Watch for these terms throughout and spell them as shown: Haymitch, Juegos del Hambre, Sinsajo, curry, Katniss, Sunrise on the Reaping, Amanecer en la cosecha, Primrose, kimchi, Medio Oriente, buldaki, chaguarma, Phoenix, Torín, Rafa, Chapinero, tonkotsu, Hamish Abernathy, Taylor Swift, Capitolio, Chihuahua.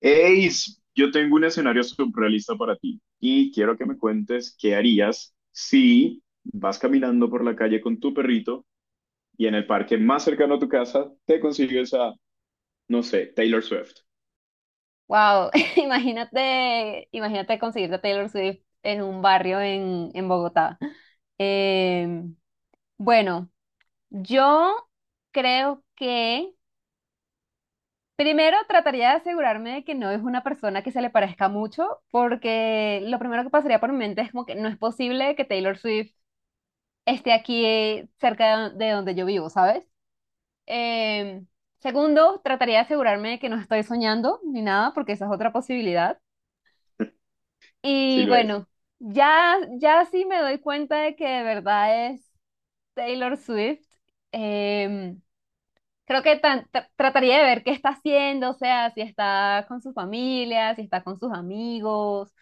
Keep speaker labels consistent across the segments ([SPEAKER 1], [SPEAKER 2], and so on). [SPEAKER 1] Eis, yo tengo un escenario surrealista para ti y quiero que me cuentes qué harías si vas caminando por la calle con tu perrito y en el parque más cercano a tu casa te consigues a, no sé, Taylor Swift.
[SPEAKER 2] Wow, imagínate, imagínate conseguirte a Taylor Swift en un barrio en Bogotá. Eh, bueno, yo creo que primero trataría de asegurarme de que no es una persona que se le parezca mucho, porque lo primero que pasaría por mi mente es como que no es posible que Taylor Swift esté aquí cerca de donde yo vivo, ¿sabes? Eh, Segundo, trataría de asegurarme de que no estoy soñando ni nada, porque esa es otra posibilidad.
[SPEAKER 1] Si
[SPEAKER 2] Y
[SPEAKER 1] lo es,
[SPEAKER 2] bueno, ya sí me doy cuenta de que de verdad es Taylor Swift. Em, Creo que trataría de ver qué está haciendo, o sea, si está con su familia, si está con sus amigos,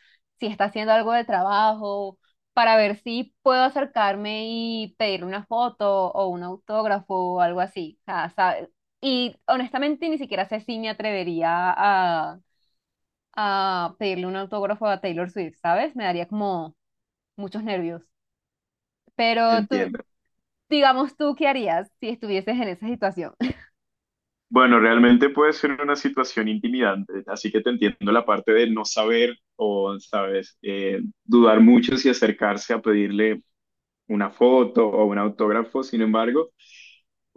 [SPEAKER 2] si está haciendo algo de trabajo, para ver si puedo acercarme y pedirle una foto o un autógrafo o algo así. O sea, sabe- Y honestamente ni siquiera sé si me atrevería a, a pedirle un autógrafo a Taylor Swift, ¿sabes? Me daría como muchos nervios. Pero tú,
[SPEAKER 1] entiendo.
[SPEAKER 2] digamos tú, ¿qué harías si estuvieses en esa situación?
[SPEAKER 1] Bueno, realmente puede ser una situación intimidante, así que te entiendo la parte de no saber o, sabes, dudar mucho si acercarse a pedirle una foto o un autógrafo. Sin embargo,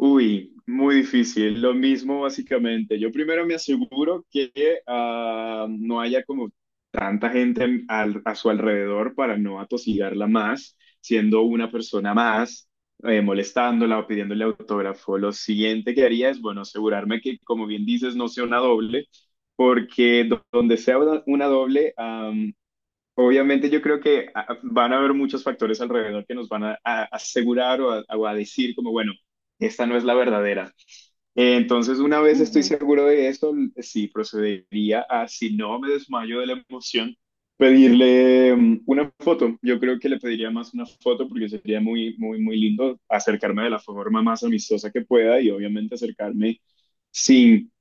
[SPEAKER 1] uy, muy difícil. Lo mismo básicamente. Yo primero me aseguro que no haya como tanta gente a su alrededor para no atosigarla más, siendo una persona más, molestándola o pidiéndole autógrafo. Lo siguiente que haría es, bueno, asegurarme que, como bien dices, no sea una doble, porque donde sea una doble, obviamente yo creo que van a haber muchos factores alrededor que nos van a asegurar o a decir como, bueno, esta no es la verdadera. Entonces, una vez estoy
[SPEAKER 2] Ujú.
[SPEAKER 1] seguro de eso, sí procedería a, si no me desmayo de la emoción, pedirle una foto. Yo creo que le pediría más una foto porque sería muy, muy, muy lindo acercarme de la forma más amistosa que pueda y obviamente acercarme sin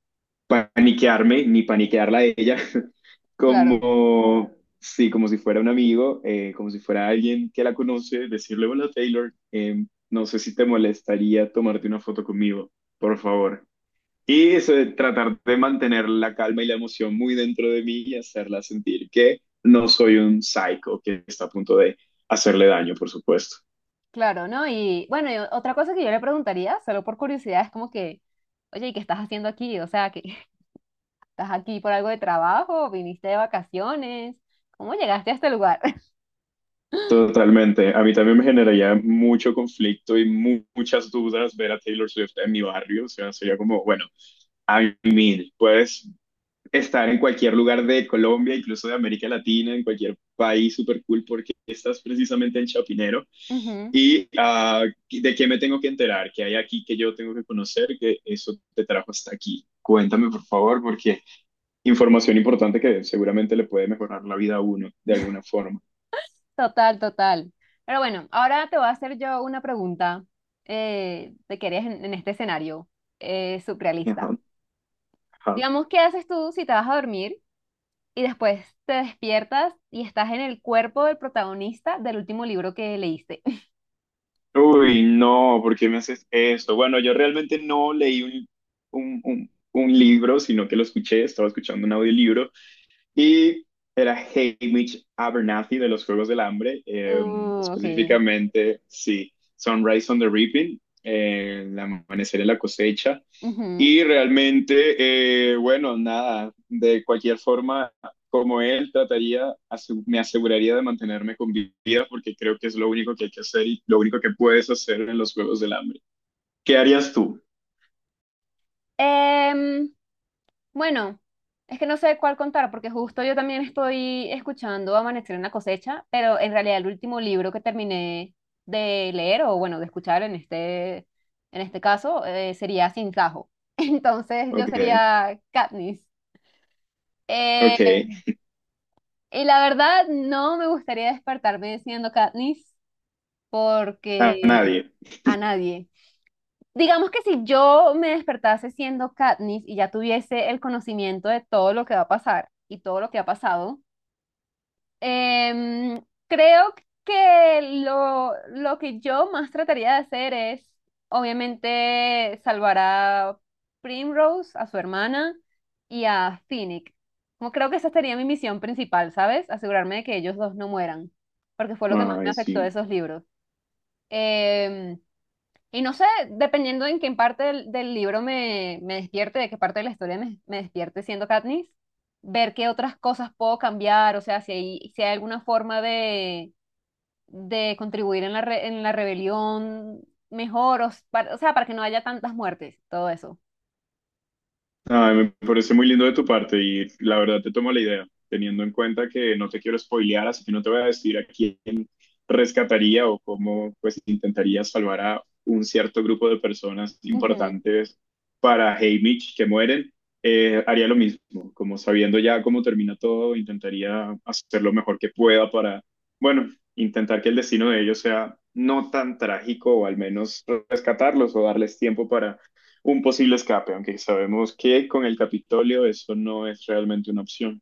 [SPEAKER 1] paniquearme ni paniquearla a ella,
[SPEAKER 2] Claro,
[SPEAKER 1] como, sí, como si fuera un amigo, como si fuera alguien que la conoce, decirle, hola Taylor, no sé si te molestaría tomarte una foto conmigo, por favor. Y eso de tratar de mantener la calma y la emoción muy dentro de mí y hacerla sentir que no soy un psycho que está a punto de hacerle daño, por supuesto.
[SPEAKER 2] claro, ¿no? Y bueno, y o- otra cosa que yo le preguntaría, solo por curiosidad, es como que, oye, ¿y qué estás haciendo aquí? O sea, que estás aquí por algo de trabajo, viniste de vacaciones, ¿cómo llegaste a este lugar?
[SPEAKER 1] Totalmente. A mí también me generaría mucho conflicto y muchas dudas ver a Taylor Swift en mi barrio. O sea, sería como, bueno, I mean, puedes estar en cualquier lugar de Colombia, incluso de América Latina, en cualquier país súper cool, porque estás precisamente en Chapinero.
[SPEAKER 2] Ujú.
[SPEAKER 1] ¿Y de qué me tengo que enterar? ¿Qué hay aquí que yo tengo que conocer, que eso te trajo hasta aquí? Cuéntame, por favor, porque información importante que seguramente le puede mejorar la vida a uno de alguna forma.
[SPEAKER 2] Total, total. Pero bueno, ahora te voy a hacer yo una pregunta de qué harías en este escenario
[SPEAKER 1] Ajá,
[SPEAKER 2] surrealista.
[SPEAKER 1] ajá.
[SPEAKER 2] Digamos, ¿qué haces tú si te vas a dormir? Y después te despiertas y estás en el cuerpo del protagonista del último libro que leíste.
[SPEAKER 1] Uy, no, ¿por qué me haces esto? Bueno, yo realmente no leí un libro, sino que lo escuché, estaba escuchando un audiolibro y era Hamish Abernathy de los Juegos del Hambre,
[SPEAKER 2] Ok.
[SPEAKER 1] específicamente, sí, Sunrise on the Reaping, el amanecer en la cosecha.
[SPEAKER 2] Ujú.
[SPEAKER 1] Y realmente, bueno, nada, de cualquier forma, como él, trataría, me aseguraría de mantenerme con vida porque creo que es lo único que hay que hacer y lo único que puedes hacer en los Juegos del Hambre. ¿Qué harías tú?
[SPEAKER 2] Em, bueno, es que no sé cuál contar porque justo yo también estoy escuchando Amanecer en la cosecha, pero en realidad el último libro que terminé de leer o bueno, de escuchar en este caso sería Sinsajo. Entonces yo
[SPEAKER 1] Ok,
[SPEAKER 2] sería Katniss. Eh,
[SPEAKER 1] ok,
[SPEAKER 2] y la verdad, no me gustaría despertarme siendo Katniss,
[SPEAKER 1] a
[SPEAKER 2] porque
[SPEAKER 1] nadie.
[SPEAKER 2] a nadie. Digamos que si yo me despertase siendo Katniss y ya tuviese el conocimiento de todo lo que va a pasar y todo lo que ha pasado, creo que lo que yo más trataría de hacer es, obviamente, salvar a Primrose, a su hermana y a Phoenix. Como creo que esa sería mi misión principal, ¿sabes? Asegurarme de que ellos dos no mueran, porque fue lo que más me
[SPEAKER 1] Ay,
[SPEAKER 2] afectó de
[SPEAKER 1] sí.
[SPEAKER 2] esos libros. Em, y no sé, dependiendo en qué parte del libro me despierte, de qué parte de la historia me despierte siendo Katniss, ver qué otras cosas puedo cambiar, o sea, si hay alguna forma de contribuir en la, re- en la rebelión mejor, o, s- para- o sea, para que no haya tantas muertes, todo eso.
[SPEAKER 1] Ay, me parece muy lindo de tu parte y la verdad te tomo la idea, teniendo en cuenta que no te quiero spoilear, así que no te voy a decir a quién rescataría o cómo pues intentaría salvar a un cierto grupo de personas
[SPEAKER 2] Ujú.
[SPEAKER 1] importantes para Haymitch que mueren. Haría lo mismo, como sabiendo ya cómo termina todo, intentaría hacer lo mejor que pueda para, bueno, intentar que el destino de ellos sea no tan trágico o al menos rescatarlos o darles tiempo para un posible escape, aunque sabemos que con el Capitolio eso no es realmente una opción,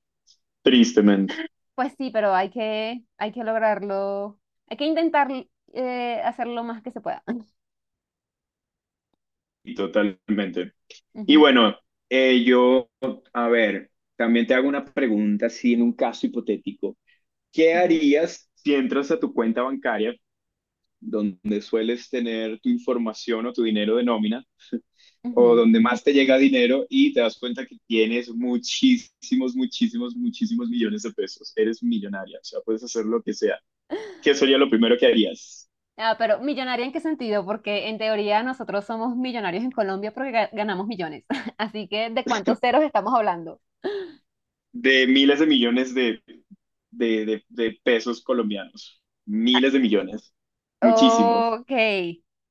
[SPEAKER 1] tristemente
[SPEAKER 2] Pues sí, pero hay que lograrlo, hay que intentar hacer lo más que se pueda.
[SPEAKER 1] y totalmente. Y
[SPEAKER 2] Ujú,
[SPEAKER 1] bueno, yo, a ver, también te hago una pregunta, así en un caso hipotético. ¿Qué
[SPEAKER 2] ujú,
[SPEAKER 1] harías si entras a tu cuenta bancaria, donde sueles tener tu información o tu dinero de nómina, o
[SPEAKER 2] ujú.
[SPEAKER 1] donde más te llega dinero y te das cuenta que tienes muchísimos, muchísimos, muchísimos millones de pesos? Eres millonaria, o sea, puedes hacer lo que sea. ¿Qué sería lo primero que harías?
[SPEAKER 2] Ah, ¿pero millonaria en qué sentido? Porque en teoría nosotros somos millonarios en Colombia porque ga- ganamos millones. Así que, ¿de cuántos ceros estamos hablando?
[SPEAKER 1] De miles de millones de, de pesos colombianos. Miles de millones. Muchísimos.
[SPEAKER 2] Ok.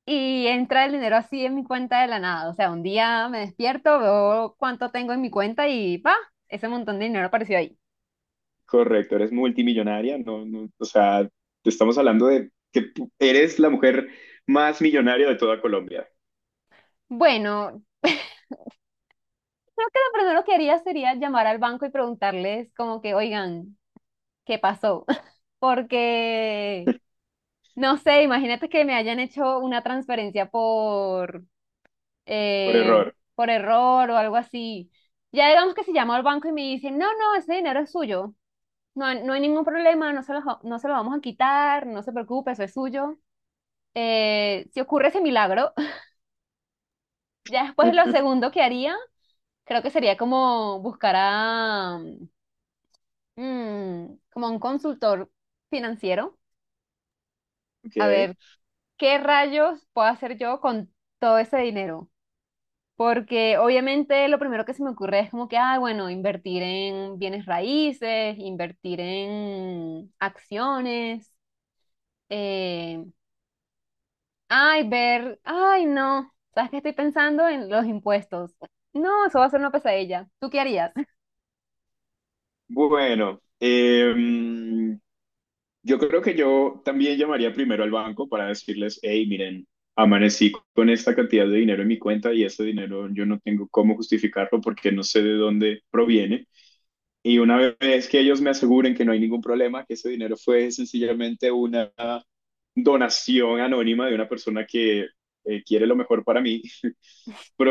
[SPEAKER 2] Y entra el dinero así en mi cuenta de la nada. O sea, un día me despierto, veo cuánto tengo en mi cuenta y ¡pa! Ese montón de dinero apareció ahí.
[SPEAKER 1] Correcto, eres multimillonaria. No, no, o sea, te estamos hablando de que tú eres la mujer más millonaria de toda Colombia,
[SPEAKER 2] Bueno, lo primero que haría sería llamar al banco y preguntarles como que, oigan, ¿qué pasó? Porque, no sé, imagínate que me hayan hecho una transferencia
[SPEAKER 1] por
[SPEAKER 2] eh,
[SPEAKER 1] error.
[SPEAKER 2] por error o algo así. Ya digamos que se llama al banco y me dicen, no, no, ese dinero es suyo, no, hay- no hay ningún problema, no se lo, ja- no se lo vamos a quitar, no se preocupe, eso es suyo. Si ocurre ese milagro, ya después lo segundo que haría, creo que sería como buscar a, mm, como un consultor financiero, a
[SPEAKER 1] Ok.
[SPEAKER 2] ver qué rayos puedo hacer yo con todo ese dinero. Porque obviamente lo primero que se me ocurre es como que, ah, bueno, invertir en bienes raíces, invertir en acciones, eh, ay, ver, ay, no, ¿sabes qué? Estoy pensando en los impuestos. No, eso va a ser una pesadilla. ¿Tú qué harías?
[SPEAKER 1] Bueno, em, yo creo que yo también llamaría primero al banco para decirles, hey, miren, amanecí con esta cantidad de dinero en mi cuenta y ese dinero yo no tengo cómo justificarlo porque no sé de dónde proviene. Y una vez que ellos me aseguren que no hay ningún problema, que ese dinero fue sencillamente una donación anónima de una persona que quiere lo mejor para mí,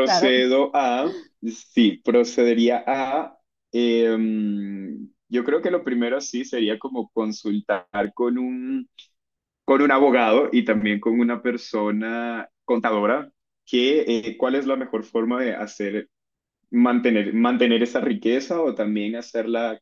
[SPEAKER 2] Claro,
[SPEAKER 1] a, sí, procedería a, em, yo creo que lo primero sí sería como consultar con un, con un abogado y también con una persona contadora que cuál es la mejor forma de hacer, mantener, mantener esa riqueza o también hacerla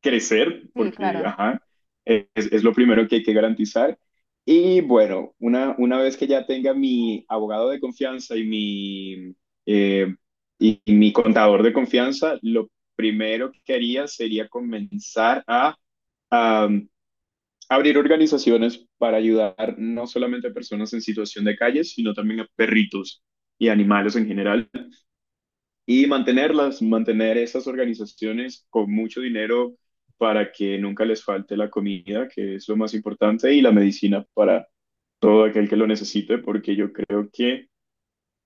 [SPEAKER 1] crecer,
[SPEAKER 2] sí,
[SPEAKER 1] porque
[SPEAKER 2] claro.
[SPEAKER 1] ajá, es lo primero que hay que garantizar. Y bueno, una vez que ya tenga mi abogado de confianza eh, y mi contador de confianza, lo primero que haría sería comenzar a, abrir organizaciones para ayudar no solamente a personas en situación de calle, sino también a perritos y animales en general y mantenerlas, mantener esas organizaciones con mucho dinero para que nunca les falte la comida, que es lo más importante, y la medicina para todo aquel que lo necesite, porque yo creo que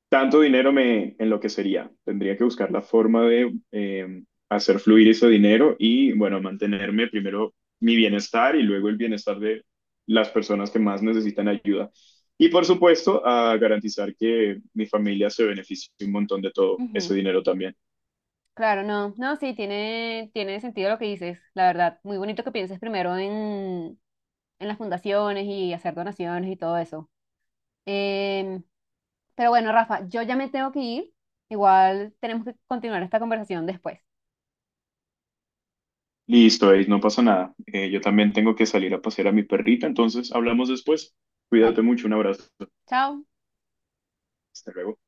[SPEAKER 1] tanto dinero me enloquecería. Tendría que buscar la forma de hacer fluir ese dinero y, bueno, mantenerme primero mi bienestar y luego el bienestar de las personas que más necesitan ayuda. Y por supuesto, a garantizar que mi familia se beneficie un montón de todo
[SPEAKER 2] Ujú.
[SPEAKER 1] ese dinero también.
[SPEAKER 2] Claro, no, no, sí, tiene sentido lo que dices, la verdad. Muy bonito que pienses primero en las fundaciones y hacer donaciones y todo eso. Em, pero bueno, Rafa, yo ya me tengo que ir. Igual tenemos que continuar esta conversación después.
[SPEAKER 1] Listo, Ace, no pasa nada. Yo también tengo que salir a pasear a mi perrita, entonces hablamos después. Cuídate
[SPEAKER 2] Vale,
[SPEAKER 1] mucho, un abrazo.
[SPEAKER 2] chao.
[SPEAKER 1] Hasta luego.